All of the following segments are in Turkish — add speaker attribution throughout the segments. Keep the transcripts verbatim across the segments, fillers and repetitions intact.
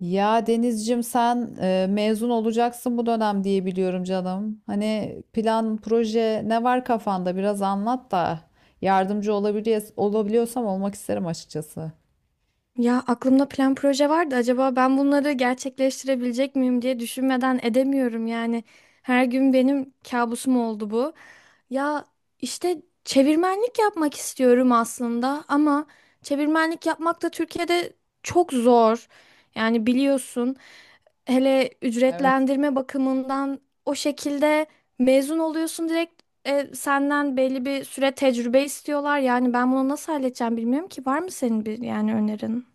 Speaker 1: Ya Denizcim, sen e, mezun olacaksın bu dönem diye biliyorum canım. Hani plan, proje ne var kafanda biraz anlat da yardımcı olabiliyor, olabiliyorsam olmak isterim açıkçası.
Speaker 2: Ya aklımda plan proje vardı. Acaba ben bunları gerçekleştirebilecek miyim diye düşünmeden edemiyorum yani. Her gün benim kabusum oldu bu. Ya işte çevirmenlik yapmak istiyorum aslında ama çevirmenlik yapmak da Türkiye'de çok zor. Yani biliyorsun hele
Speaker 1: Evet.
Speaker 2: ücretlendirme bakımından o şekilde mezun oluyorsun direkt e, senden belli bir süre tecrübe istiyorlar. Yani ben bunu nasıl halledeceğim bilmiyorum ki. Var mı senin bir yani önerin?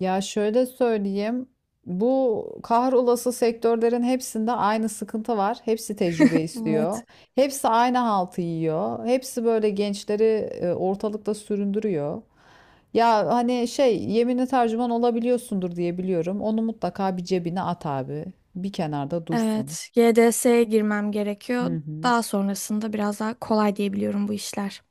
Speaker 1: Ya şöyle söyleyeyim. Bu kahrolası sektörlerin hepsinde aynı sıkıntı var. Hepsi tecrübe istiyor.
Speaker 2: Evet,
Speaker 1: Hepsi aynı haltı yiyor. Hepsi böyle gençleri e, ortalıkta süründürüyor. Ya hani şey yeminli tercüman olabiliyorsundur diye biliyorum. Onu mutlaka bir cebine at abi. Bir kenarda dursun.
Speaker 2: evet. G D S'ye girmem
Speaker 1: Hı
Speaker 2: gerekiyor.
Speaker 1: hı.
Speaker 2: Daha sonrasında biraz daha kolay diyebiliyorum bu işler.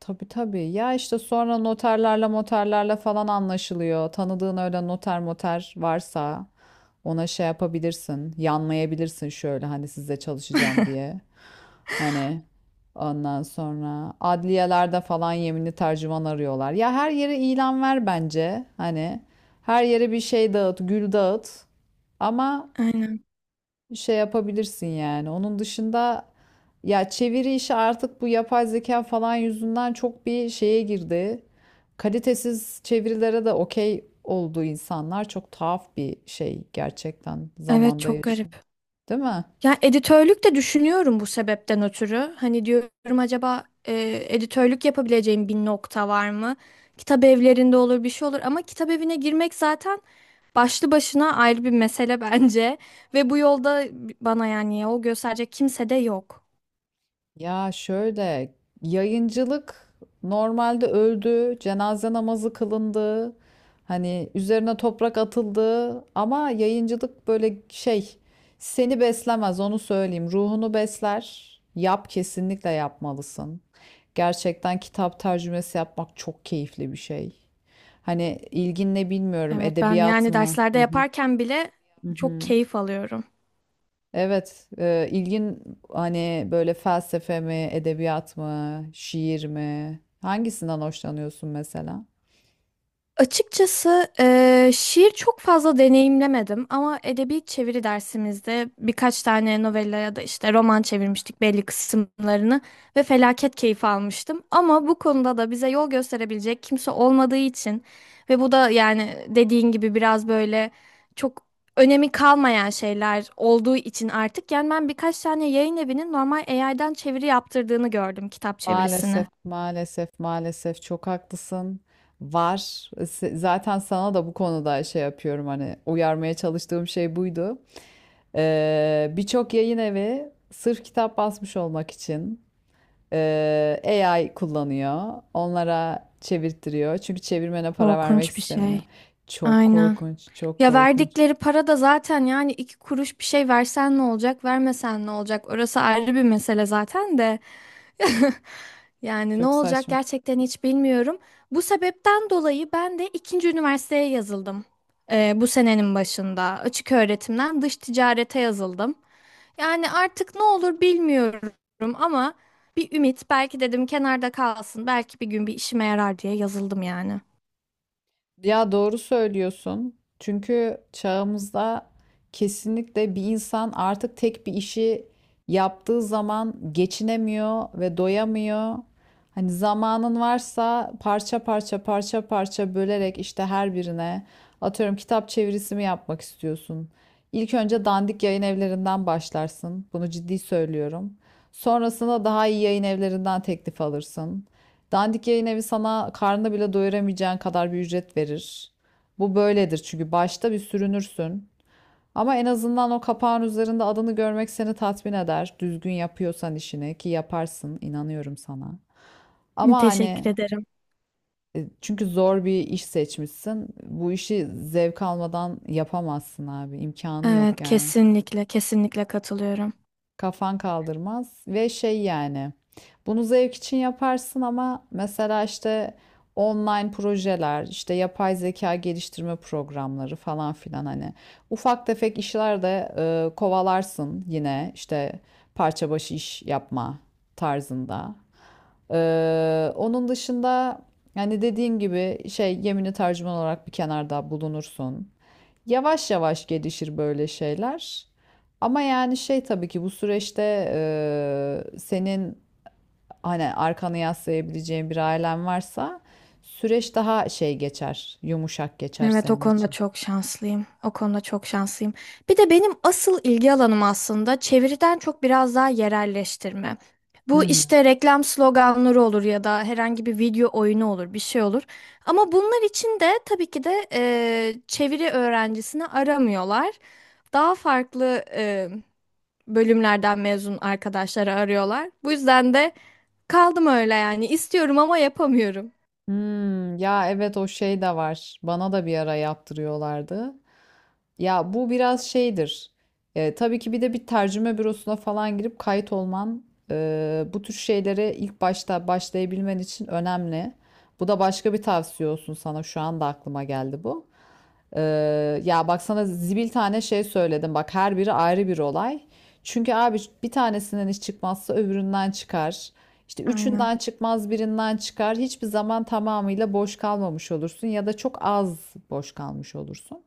Speaker 1: Tabii tabii. Ya işte sonra noterlerle moterlerle falan anlaşılıyor. Tanıdığın öyle noter moter varsa ona şey yapabilirsin. Yanmayabilirsin şöyle hani sizle çalışacağım diye. Hani ondan sonra adliyelerde falan yeminli tercüman arıyorlar. Ya her yere ilan ver bence. Hani her yere bir şey dağıt, gül dağıt. Ama
Speaker 2: Aynen.
Speaker 1: şey yapabilirsin yani. Onun dışında ya çeviri işi artık bu yapay zeka falan yüzünden çok bir şeye girdi. Kalitesiz çevirilere de okey oldu insanlar çok tuhaf bir şey gerçekten
Speaker 2: Evet
Speaker 1: zamanda
Speaker 2: çok
Speaker 1: yaşıyor.
Speaker 2: garip.
Speaker 1: Değil mi?
Speaker 2: Ya editörlük de düşünüyorum bu sebepten ötürü. Hani diyorum acaba e, editörlük yapabileceğim bir nokta var mı? Kitap evlerinde olur bir şey olur ama kitap evine girmek zaten başlı başına ayrı bir mesele bence. Ve bu yolda bana yani yol gösterecek kimse de yok.
Speaker 1: Ya şöyle yayıncılık normalde öldü, cenaze namazı kılındı, hani üzerine toprak atıldı ama yayıncılık böyle şey seni beslemez onu söyleyeyim. Ruhunu besler. Yap kesinlikle yapmalısın. Gerçekten kitap tercümesi yapmak çok keyifli bir şey. Hani ilgin ne bilmiyorum
Speaker 2: Evet ben
Speaker 1: edebiyat
Speaker 2: yani
Speaker 1: mı?
Speaker 2: derslerde
Speaker 1: Hı hı.
Speaker 2: yaparken bile
Speaker 1: Hı
Speaker 2: çok
Speaker 1: hı.
Speaker 2: keyif alıyorum.
Speaker 1: Evet, e, ilgin hani böyle felsefe mi, edebiyat mı, şiir mi? Hangisinden hoşlanıyorsun mesela?
Speaker 2: Açıkçası eee, şiir çok fazla deneyimlemedim ama edebi çeviri dersimizde birkaç tane novella ya da işte roman çevirmiştik belli kısımlarını ve felaket keyif almıştım. Ama bu konuda da bize yol gösterebilecek kimse olmadığı için ve bu da yani dediğin gibi biraz böyle çok önemi kalmayan şeyler olduğu için artık yani ben birkaç tane yayın evinin normal A I'den çeviri yaptırdığını gördüm kitap
Speaker 1: Maalesef,
Speaker 2: çevirisini.
Speaker 1: maalesef, maalesef çok haklısın. Var. Se- Zaten sana da bu konuda şey yapıyorum hani uyarmaya çalıştığım şey buydu. Ee, birçok yayın evi sırf kitap basmış olmak için e, A I kullanıyor. Onlara çevirtiriyor. Çünkü çevirmene para vermek
Speaker 2: Korkunç bir
Speaker 1: istemiyor.
Speaker 2: şey.
Speaker 1: Çok
Speaker 2: Aynen.
Speaker 1: korkunç, çok
Speaker 2: Ya
Speaker 1: korkunç.
Speaker 2: verdikleri para da zaten yani iki kuruş bir şey versen ne olacak, vermesen ne olacak? Orası ayrı bir mesele zaten de. Yani ne
Speaker 1: Çok
Speaker 2: olacak
Speaker 1: saçma.
Speaker 2: gerçekten hiç bilmiyorum. Bu sebepten dolayı ben de ikinci üniversiteye yazıldım. Ee, bu senenin başında açık öğretimden dış ticarete yazıldım. Yani artık ne olur bilmiyorum ama bir ümit belki dedim kenarda kalsın belki bir gün bir işime yarar diye yazıldım yani.
Speaker 1: Ya doğru söylüyorsun. Çünkü çağımızda kesinlikle bir insan artık tek bir işi yaptığı zaman geçinemiyor ve doyamıyor. Hani zamanın varsa parça parça parça parça bölerek işte her birine atıyorum kitap çevirisi mi yapmak istiyorsun? İlk önce dandik yayın evlerinden başlarsın. Bunu ciddi söylüyorum. Sonrasında daha iyi yayın evlerinden teklif alırsın. Dandik yayın evi sana karnını bile doyuramayacağın kadar bir ücret verir. Bu böyledir çünkü başta bir sürünürsün. Ama en azından o kapağın üzerinde adını görmek seni tatmin eder. Düzgün yapıyorsan işini ki yaparsın, inanıyorum sana. Ama
Speaker 2: Teşekkür
Speaker 1: hani
Speaker 2: ederim.
Speaker 1: e, çünkü zor bir iş seçmişsin. Bu işi zevk almadan yapamazsın abi. İmkanı yok
Speaker 2: Evet,
Speaker 1: yani.
Speaker 2: kesinlikle, kesinlikle katılıyorum.
Speaker 1: Kafan kaldırmaz ve şey yani bunu zevk için yaparsın ama mesela işte online projeler işte yapay zeka geliştirme programları falan filan hani ufak tefek işler de e, kovalarsın yine işte parça başı iş yapma tarzında. Ee, onun dışında hani dediğim gibi şey yemini tercüman olarak bir kenarda bulunursun. Yavaş yavaş gelişir böyle şeyler. Ama yani şey tabii ki bu süreçte eee, senin hani arkanı yaslayabileceğin bir ailen varsa süreç daha şey geçer, yumuşak geçer
Speaker 2: Evet, o
Speaker 1: senin
Speaker 2: konuda
Speaker 1: için.
Speaker 2: çok şanslıyım. O konuda çok şanslıyım. Bir de benim asıl ilgi alanım aslında çeviriden çok biraz daha yerelleştirme.
Speaker 1: Hı
Speaker 2: Bu
Speaker 1: hı.
Speaker 2: işte reklam sloganları olur ya da herhangi bir video oyunu olur, bir şey olur. Ama bunlar için de tabii ki de eee, çeviri öğrencisini aramıyorlar. Daha farklı eee, bölümlerden mezun arkadaşları arıyorlar. Bu yüzden de kaldım öyle yani. İstiyorum ama yapamıyorum.
Speaker 1: Hmm, ya evet o şey de var. Bana da bir ara yaptırıyorlardı. Ya bu biraz şeydir. E, tabii ki bir de bir tercüme bürosuna falan girip kayıt olman e, bu tür şeylere ilk başta başlayabilmen için önemli. Bu da başka bir tavsiye olsun sana. Şu anda aklıma geldi bu. Ee, ya bak sana zibil tane şey söyledim. Bak her biri ayrı bir olay. Çünkü abi bir tanesinden iş çıkmazsa öbüründen çıkar. İşte
Speaker 2: Aynen.
Speaker 1: üçünden çıkmaz birinden çıkar. Hiçbir zaman tamamıyla boş kalmamış olursun ya da çok az boş kalmış olursun.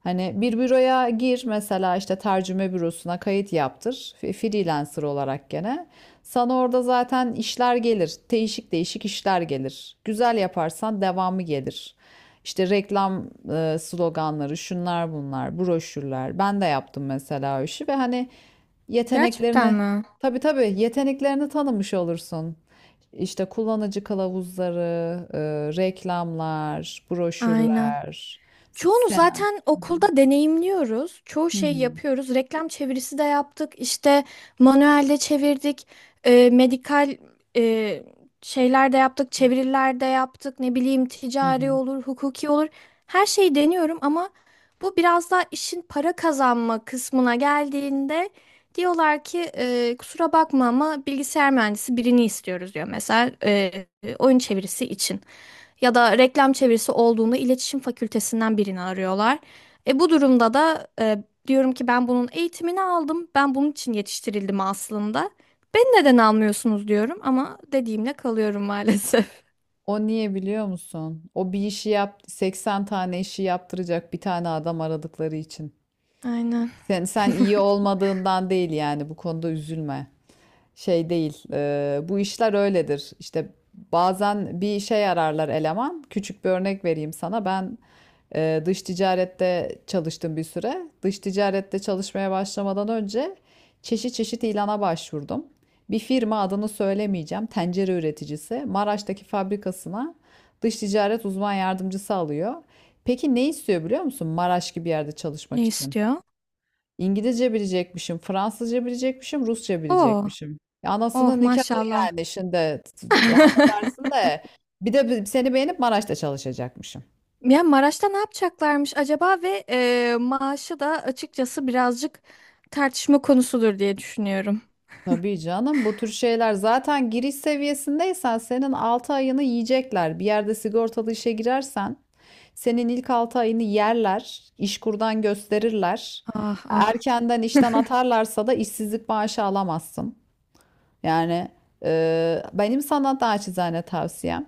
Speaker 1: Hani bir büroya gir mesela işte tercüme bürosuna kayıt yaptır. F- Freelancer olarak gene. Sana orada zaten işler gelir. Değişik değişik işler gelir. Güzel yaparsan devamı gelir. İşte reklam e, sloganları, şunlar bunlar, broşürler. Ben de yaptım mesela o işi ve hani
Speaker 2: Gerçekten
Speaker 1: yeteneklerini,
Speaker 2: mi?
Speaker 1: tabii tabii yeteneklerini tanımış olursun. İşte kullanıcı kılavuzları, e, reklamlar,
Speaker 2: Aynen.
Speaker 1: broşürler,
Speaker 2: Çoğunu
Speaker 1: senaryo.
Speaker 2: zaten
Speaker 1: Hı hı.
Speaker 2: okulda deneyimliyoruz. Çoğu
Speaker 1: Hı
Speaker 2: şey
Speaker 1: hı.
Speaker 2: yapıyoruz. Reklam çevirisi de yaptık. İşte manuelde çevirdik. E, medikal e, şeyler de yaptık. Çeviriler de yaptık. Ne bileyim
Speaker 1: Hı
Speaker 2: ticari
Speaker 1: hı.
Speaker 2: olur, hukuki olur. Her şeyi deniyorum ama bu biraz daha işin para kazanma kısmına geldiğinde diyorlar ki e, kusura bakma ama bilgisayar mühendisi birini istiyoruz diyor mesela e, oyun çevirisi için. Ya da reklam çevirisi olduğunda iletişim fakültesinden birini arıyorlar. E bu durumda da e, diyorum ki ben bunun eğitimini aldım. Ben bunun için yetiştirildim aslında. Beni neden almıyorsunuz diyorum ama dediğimle kalıyorum maalesef.
Speaker 1: O niye biliyor musun? O bir işi yap, seksen tane işi yaptıracak bir tane adam aradıkları için.
Speaker 2: Aynen.
Speaker 1: Sen sen iyi olmadığından değil yani bu konuda üzülme. Şey değil. E, bu işler öyledir. İşte bazen bir şey ararlar eleman. Küçük bir örnek vereyim sana. Ben e, dış ticarette çalıştım bir süre. Dış ticarette çalışmaya başlamadan önce çeşit çeşit ilana başvurdum. Bir firma adını söylemeyeceğim. Tencere üreticisi Maraş'taki fabrikasına dış ticaret uzman yardımcısı alıyor. Peki ne istiyor biliyor musun? Maraş gibi yerde çalışmak
Speaker 2: Ne
Speaker 1: için.
Speaker 2: istiyor?
Speaker 1: İngilizce bilecekmişim, Fransızca bilecekmişim, Rusça
Speaker 2: Oo.
Speaker 1: bilecekmişim. Ya
Speaker 2: Oh
Speaker 1: anasının nikahı
Speaker 2: maşallah.
Speaker 1: yani şimdi t- t- affedersin de bir de bi- seni beğenip Maraş'ta çalışacakmışım.
Speaker 2: Ya Maraş'ta ne yapacaklarmış acaba ve e, maaşı da açıkçası birazcık tartışma konusudur diye düşünüyorum.
Speaker 1: Tabii canım bu tür şeyler zaten giriş seviyesindeysen senin altı ayını yiyecekler. Bir yerde sigortalı işe girersen senin ilk altı ayını yerler, işkurdan gösterirler.
Speaker 2: Ah ah.
Speaker 1: Erkenden işten atarlarsa da işsizlik maaşı alamazsın. Yani e, benim sana naçizane tavsiyem,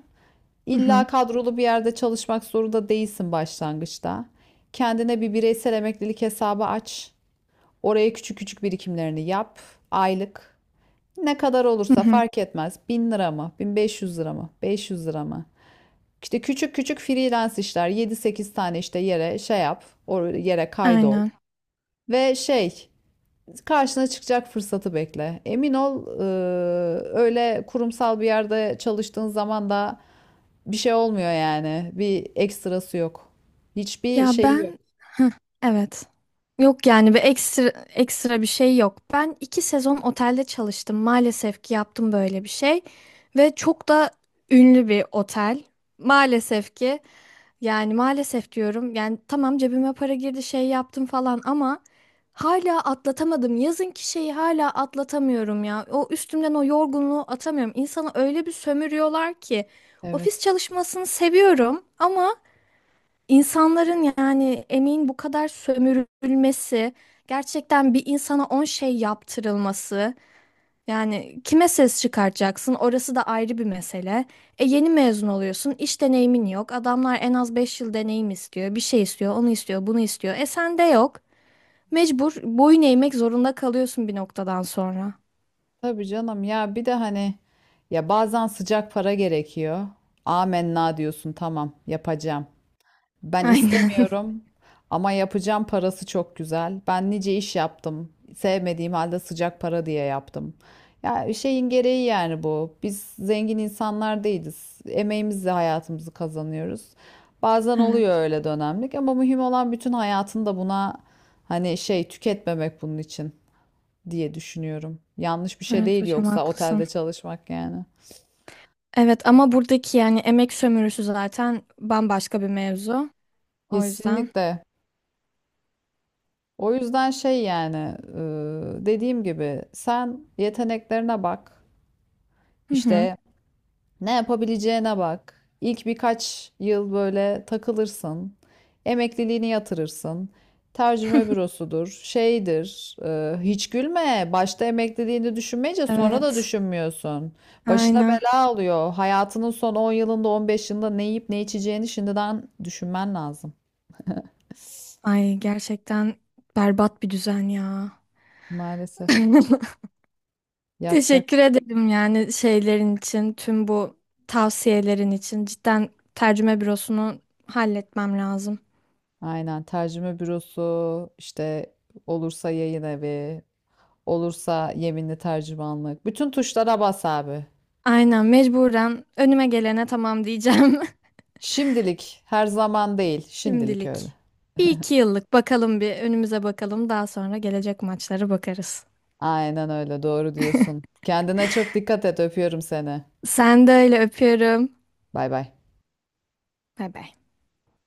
Speaker 2: Hı
Speaker 1: İlla
Speaker 2: hı.
Speaker 1: kadrolu bir yerde çalışmak zorunda değilsin başlangıçta. Kendine bir bireysel emeklilik hesabı aç. Oraya küçük küçük birikimlerini yap. Aylık. Ne kadar
Speaker 2: Hı
Speaker 1: olursa
Speaker 2: hı.
Speaker 1: fark etmez. bin lira mı? bin beş yüz lira mı? beş yüz lira mı? İşte küçük küçük freelance işler. yedi sekiz tane işte yere şey yap. O yere kaydol.
Speaker 2: Aynen.
Speaker 1: Ve şey karşına çıkacak fırsatı bekle. Emin ol, eee, öyle kurumsal bir yerde çalıştığın zaman da bir şey olmuyor yani. Bir ekstrası yok. Hiçbir
Speaker 2: Ya
Speaker 1: şeyi yok.
Speaker 2: ben Heh, evet. Yok yani bir ekstra ekstra bir şey yok. Ben iki sezon otelde çalıştım. Maalesef ki yaptım böyle bir şey. Ve çok da ünlü bir otel. Maalesef ki yani maalesef diyorum. Yani tamam cebime para girdi şey yaptım falan ama hala atlatamadım. Yazınki şeyi hala atlatamıyorum ya. O üstümden o yorgunluğu atamıyorum. İnsanı öyle bir sömürüyorlar ki. Ofis
Speaker 1: Evet.
Speaker 2: çalışmasını seviyorum ama İnsanların yani emeğin bu kadar sömürülmesi, gerçekten bir insana on şey yaptırılması, yani kime ses çıkartacaksın orası da ayrı bir mesele. E yeni mezun oluyorsun, iş deneyimin yok. Adamlar en az beş yıl deneyim istiyor, bir şey istiyor, onu istiyor, bunu istiyor. E sende yok. Mecbur boyun eğmek zorunda kalıyorsun bir noktadan sonra.
Speaker 1: Tabii canım ya bir de hani ya bazen sıcak para gerekiyor. Amenna diyorsun tamam yapacağım. Ben
Speaker 2: Aynen.
Speaker 1: istemiyorum ama yapacağım parası çok güzel. Ben nice iş yaptım. Sevmediğim halde sıcak para diye yaptım. Ya şeyin gereği yani bu. Biz zengin insanlar değiliz. Emeğimizle hayatımızı kazanıyoruz. Bazen
Speaker 2: Evet,
Speaker 1: oluyor öyle dönemlik ama mühim olan bütün hayatında buna hani şey tüketmemek bunun için diye düşünüyorum. Yanlış bir şey
Speaker 2: evet
Speaker 1: değil
Speaker 2: hocam
Speaker 1: yoksa
Speaker 2: haklısın.
Speaker 1: otelde çalışmak yani.
Speaker 2: Evet ama buradaki yani emek sömürüsü zaten bambaşka bir mevzu. O yüzden.
Speaker 1: Kesinlikle. O yüzden şey yani e, dediğim gibi sen yeteneklerine bak.
Speaker 2: Hı hı.
Speaker 1: İşte ne yapabileceğine bak. İlk birkaç yıl böyle takılırsın. Emekliliğini yatırırsın. Tercüme bürosudur, şeydir. E, hiç gülme. Başta emekliliğini düşünmeyince sonra da
Speaker 2: Evet,
Speaker 1: düşünmüyorsun. Başına
Speaker 2: aynen.
Speaker 1: bela alıyor. Hayatının son on yılında, on beş yılında ne yiyip ne içeceğini şimdiden düşünmen lazım.
Speaker 2: Ay gerçekten berbat bir düzen ya.
Speaker 1: Maalesef yapacak.
Speaker 2: Teşekkür ederim yani şeylerin için, tüm bu tavsiyelerin için. Cidden tercüme bürosunu halletmem lazım.
Speaker 1: Aynen tercüme bürosu işte olursa yayın evi olursa yeminli tercümanlık bütün tuşlara bas abi.
Speaker 2: Aynen mecburen önüme gelene tamam diyeceğim.
Speaker 1: Şimdilik her zaman değil şimdilik öyle.
Speaker 2: Şimdilik. Bir iki yıllık bakalım bir önümüze bakalım. Daha sonra gelecek maçlara bakarız.
Speaker 1: Aynen öyle doğru diyorsun. Kendine çok dikkat et öpüyorum seni.
Speaker 2: Sen de öyle öpüyorum.
Speaker 1: Bay bay.
Speaker 2: Bay bay.